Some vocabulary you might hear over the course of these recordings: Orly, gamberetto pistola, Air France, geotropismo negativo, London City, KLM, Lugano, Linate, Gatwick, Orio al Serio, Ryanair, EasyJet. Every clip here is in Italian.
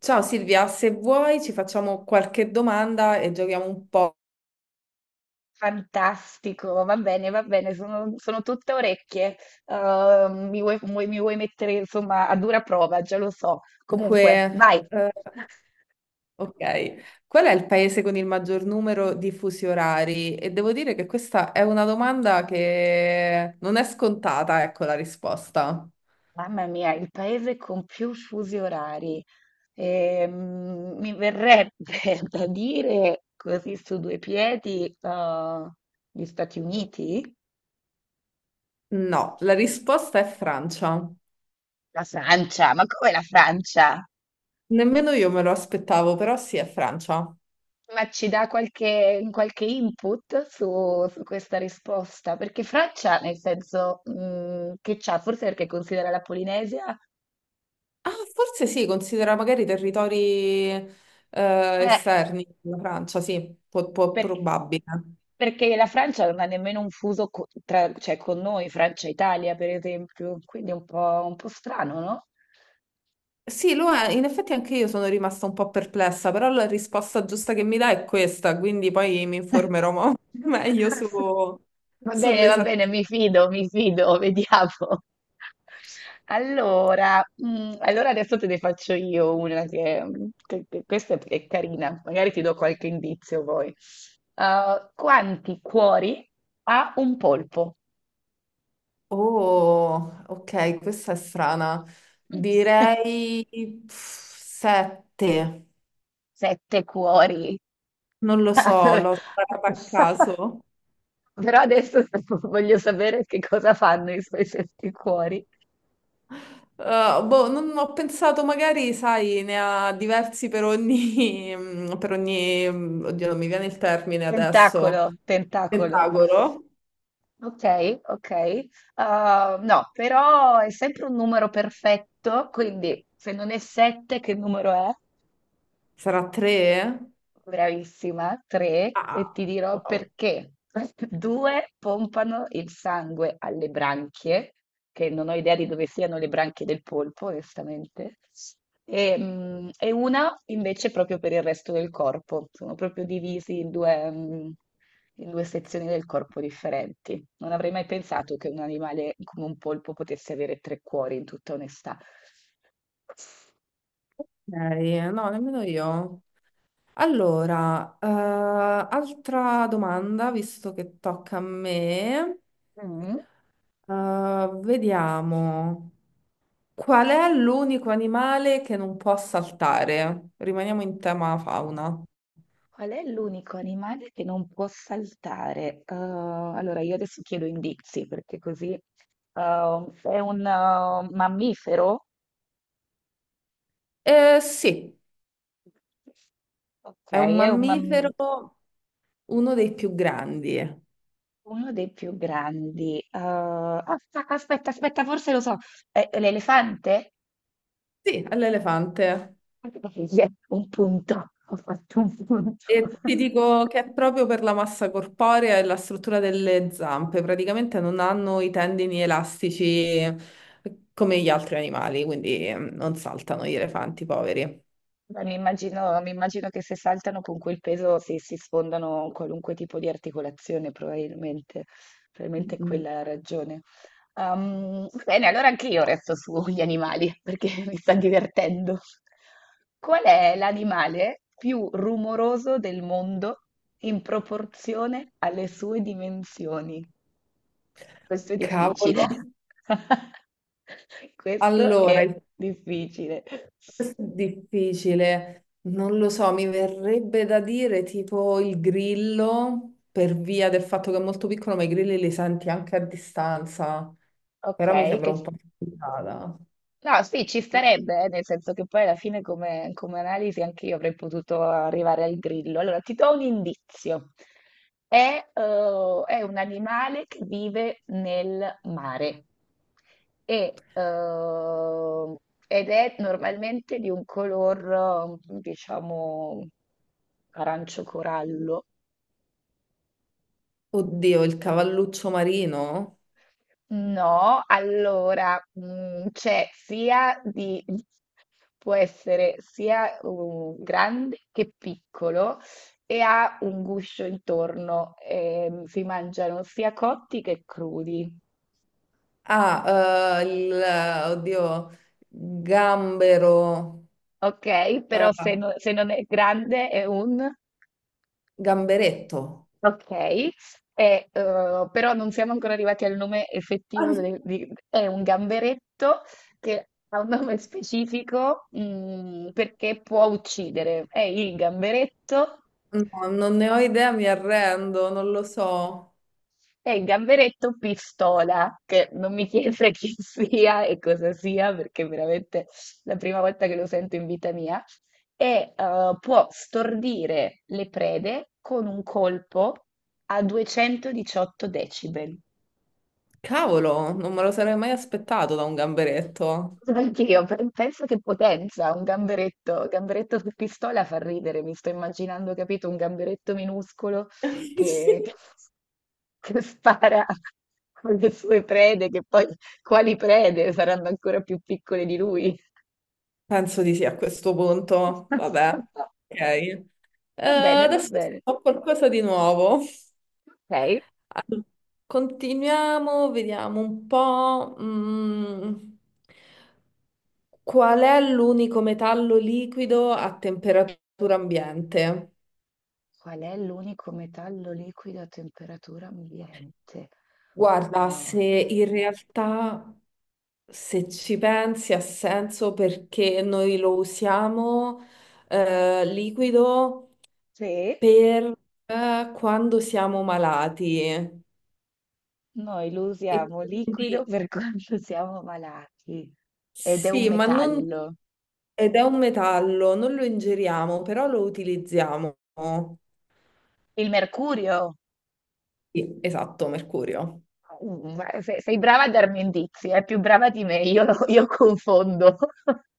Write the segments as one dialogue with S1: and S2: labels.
S1: Ciao Silvia, se vuoi ci facciamo qualche domanda e giochiamo un po'.
S2: Fantastico, va bene, sono tutte orecchie. Mi vuoi mettere insomma a dura prova, già lo so. Comunque,
S1: Dunque,
S2: vai.
S1: eh, ok, qual è il paese con il maggior numero di fusi orari? E devo dire che questa è una domanda che non è scontata, ecco la risposta.
S2: Mamma mia, il paese con più fusi orari. Mi verrebbe da dire così su due piedi, gli Stati Uniti?
S1: No, la risposta è Francia.
S2: La Francia, ma come la Francia?
S1: Nemmeno io me lo aspettavo, però sì, è Francia.
S2: Ma ci dà qualche input su questa risposta? Perché Francia, nel senso che c'ha, forse perché considera la Polinesia,
S1: Ah, forse sì, considera magari territori
S2: eh,
S1: esterni alla Francia, sì,
S2: per-
S1: probabile.
S2: perché la Francia non ha nemmeno un fuso cioè, con noi, Francia e Italia, per esempio, quindi è un po' strano, no?
S1: Sì, lo è. In effetti anche io sono rimasta un po' perplessa, però la risposta giusta che mi dà è questa, quindi poi mi informerò meglio su,
S2: Va
S1: sull'esattezza.
S2: bene, mi fido, vediamo. Allora, adesso te ne faccio io una questa è carina, magari ti do qualche indizio poi. Quanti cuori ha un polpo?
S1: Oh, ok, questa è strana. Direi 7,
S2: Sette cuori.
S1: non lo so,
S2: Allora,
S1: l'ho sparata a caso.
S2: però adesso voglio sapere che cosa fanno i suoi sette cuori.
S1: Boh, non ho pensato, magari, sai, ne ha diversi per ogni, oddio, non mi viene il termine
S2: Tentacolo,
S1: adesso,
S2: tentacolo.
S1: pentagono.
S2: Ok, ok. No, però è sempre un numero perfetto, quindi se non è 7, che numero è?
S1: Sarà tre?
S2: Bravissima, tre, e
S1: Ah,
S2: ti dirò
S1: wow.
S2: perché. Due pompano il sangue alle branchie, che non ho idea di dove siano le branchie del polpo, onestamente, e una invece proprio per il resto del corpo. Sono proprio divisi in due, in due sezioni del corpo differenti. Non avrei mai pensato che un animale come un polpo potesse avere tre cuori, in tutta onestà.
S1: Ok, no, nemmeno io. Allora, eh, Altra domanda, visto che tocca a me.
S2: Mm.
S1: Vediamo. Qual è l'unico animale che non può saltare? Rimaniamo in tema fauna.
S2: Qual è l'unico animale che non può saltare? Allora, io adesso chiedo indizi perché così è un mammifero?
S1: Sì,
S2: Ok,
S1: è un mammifero, uno dei più grandi.
S2: uno dei più grandi. Ah, aspetta, aspetta, forse lo so. È l'elefante?
S1: Sì, è l'elefante.
S2: Un punto, ho fatto un punto.
S1: E ti dico che è proprio per la massa corporea e la struttura delle zampe, praticamente non hanno i tendini elastici come gli altri animali, quindi non saltano gli elefanti poveri.
S2: Beh, mi immagino che se saltano con quel peso si sfondano qualunque tipo di articolazione, probabilmente, probabilmente
S1: Mm.
S2: quella è la ragione. Bene, allora anche io resto sugli animali perché mi sta divertendo. Qual è l'animale più rumoroso del mondo in proporzione alle sue dimensioni? Questo è difficile.
S1: Cavolo.
S2: Questo
S1: Allora,
S2: è
S1: il-
S2: difficile.
S1: Questo è difficile, non lo so, mi verrebbe da dire tipo il grillo, per via del fatto che è molto piccolo, ma i grilli li senti anche a distanza, però mi
S2: Ok,
S1: sembra
S2: che...
S1: un po' complicata.
S2: No, sì, ci starebbe, nel senso che poi alla fine come analisi anche io avrei potuto arrivare al grillo. Allora, ti do un indizio. È un animale che vive nel mare e, eh, ed è normalmente di un color, diciamo, arancio corallo.
S1: Oddio, il cavalluccio marino?
S2: No, allora, può essere sia grande che piccolo e ha un guscio intorno, si mangiano sia cotti che crudi,
S1: Oddio, gambero,
S2: ok?
S1: eh,
S2: Però se non è grande è un...
S1: gamberetto.
S2: Okay, però non siamo ancora arrivati al nome effettivo de di è un gamberetto che ha un nome specifico, perché può uccidere. È il gamberetto
S1: Ah, no, non ne ho idea, mi arrendo, non lo so.
S2: è il gamberetto pistola, che non mi chiede chi sia e cosa sia, perché è veramente la prima volta che lo sento in vita mia. E, può stordire le prede con un colpo a 218 decibel.
S1: Cavolo, non me lo sarei mai aspettato da un gamberetto.
S2: Anch'io penso che potenza, un gamberetto, gamberetto su pistola fa ridere, mi sto immaginando, capito, un gamberetto minuscolo
S1: Sì.
S2: che, che spara con le sue prede, che poi quali prede saranno ancora più piccole di lui.
S1: Penso di sì a questo punto. Vabbè, ok.
S2: Va bene, va
S1: Adesso
S2: bene.
S1: ho qualcosa di nuovo.
S2: Ok.
S1: Allora, continuiamo, vediamo un po'. Qual è l'unico metallo liquido a temperatura ambiente?
S2: Qual è l'unico metallo liquido a temperatura ambiente?
S1: Guarda,
S2: Oh,
S1: se in realtà, se ci pensi, ha senso perché noi lo usiamo liquido
S2: sì.
S1: per quando siamo malati. E
S2: Noi lo usiamo liquido
S1: quindi
S2: per quando siamo malati ed è un
S1: sì, ma non...
S2: metallo.
S1: Ed è un metallo, non lo ingeriamo, però lo utilizziamo.
S2: Il mercurio?
S1: Sì, esatto, mercurio.
S2: Ma sei brava a darmi indizi, è più brava di me, io confondo.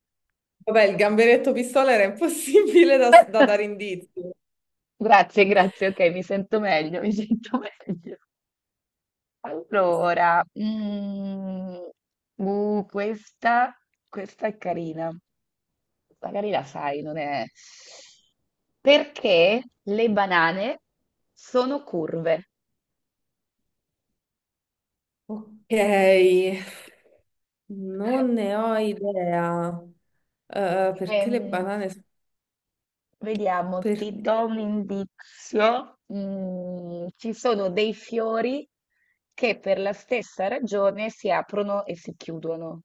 S1: Vabbè, il gamberetto pistola era impossibile da dare indizi.
S2: Grazie, grazie, ok, mi sento meglio, mi sento meglio. Allora, uh, questa, questa è carina. Magari la sai, non è... Perché le banane sono curve?
S1: Ok, non ne ho idea. Perché le
S2: Ehm,
S1: banane...
S2: Vediamo,
S1: Per...
S2: ti do un indizio. Ci sono dei fiori che per la stessa ragione si aprono e si chiudono.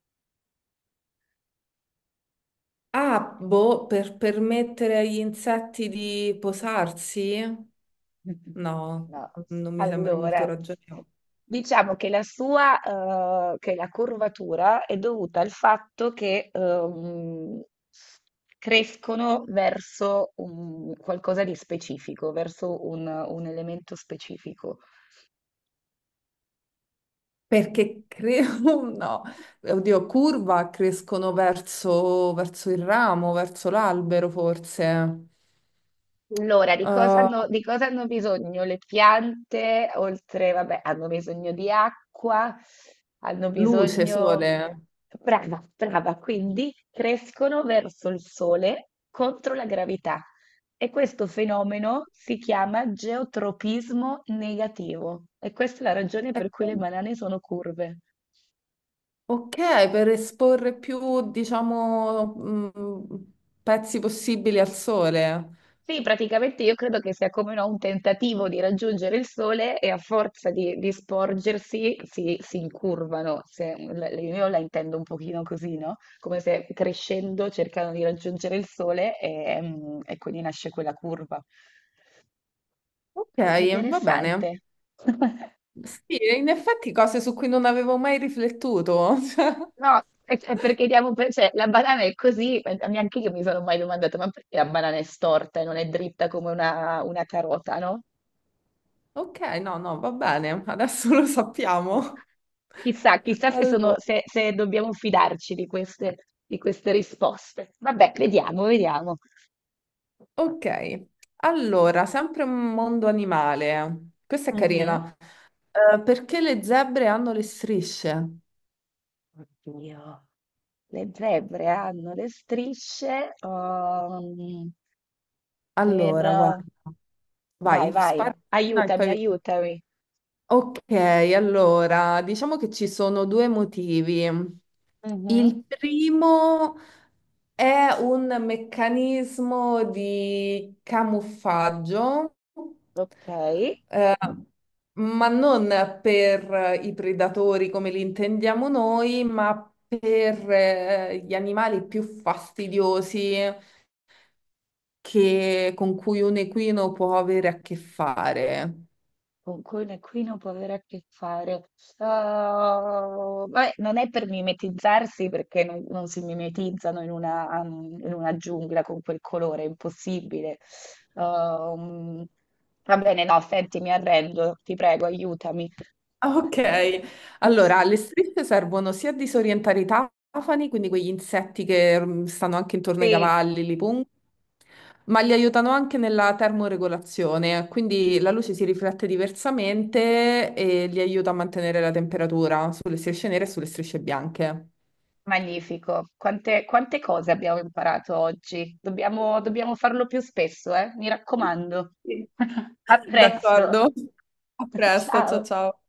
S1: Ah, boh, per permettere agli insetti di posarsi? No,
S2: No.
S1: non mi sembra molto
S2: Allora,
S1: ragionevole.
S2: diciamo che la curvatura è dovuta al fatto che crescono qualcosa di specifico, verso un elemento specifico.
S1: Perché credo, no, oddio, curva crescono verso, verso il ramo, verso l'albero forse.
S2: Allora, di cosa
S1: Uh,
S2: hanno, di cosa hanno bisogno le piante? Oltre, vabbè, hanno bisogno di acqua, hanno
S1: Luce,
S2: bisogno...
S1: sole.
S2: Brava, brava, quindi crescono verso il sole contro la gravità e questo fenomeno si chiama geotropismo negativo e questa è la ragione
S1: Eh,
S2: per cui le banane sono curve.
S1: Ok, per esporre più, diciamo, pezzi possibili al sole.
S2: Sì, praticamente io credo che sia come no, un tentativo di raggiungere il sole e a forza di sporgersi si incurvano. Io la intendo un pochino così, no? Come se crescendo cercano di raggiungere il sole e quindi nasce quella curva.
S1: Ok,
S2: Molto
S1: va bene.
S2: interessante.
S1: Sì, in effetti cose su cui non avevo mai riflettuto. Cioè,
S2: No, è perché diamo cioè, la banana è così, neanche io mi sono mai domandata, ma perché la banana è storta e non è dritta come una carota, no?
S1: ok, no, no, va bene, adesso lo sappiamo.
S2: Chissà, chissà se sono,
S1: Allora.
S2: se, se dobbiamo fidarci di queste risposte. Vabbè, vediamo, vediamo.
S1: Ok, allora, sempre un mondo animale. Questa è
S2: Mhm.
S1: carina. Perché le zebre hanno le strisce?
S2: Oddio, le zebre hanno le strisce, per...
S1: Allora, guarda, vai,
S2: Vai, vai,
S1: spara una e poi
S2: aiutami,
S1: vedi.
S2: aiutami.
S1: Ok, allora diciamo che ci sono due motivi.
S2: Mhm.
S1: Il primo è un meccanismo di camuffaggio,
S2: Ok.
S1: eh, ma non per i predatori come li intendiamo noi, ma per gli animali più fastidiosi con cui un equino può avere a che fare.
S2: Con quelle qui non può avere a che fare. Ah, vabbè, non è per mimetizzarsi perché non si mimetizzano in una giungla con quel colore, è impossibile. Um, Va bene, no, senti, mi arrendo, ti prego, aiutami.
S1: Ah, ok, allora le strisce servono sia a disorientare i tafani, quindi quegli insetti che stanno anche intorno ai
S2: Sì,
S1: cavalli, li pungono, ma li aiutano anche nella termoregolazione, quindi la luce si riflette diversamente e li aiuta a mantenere la temperatura sulle strisce nere e sulle strisce bianche.
S2: magnifico. Quante cose abbiamo imparato oggi? Dobbiamo farlo più spesso, eh? Mi raccomando.
S1: Sì.
S2: A presto.
S1: D'accordo, a presto, ciao
S2: Ciao.
S1: ciao.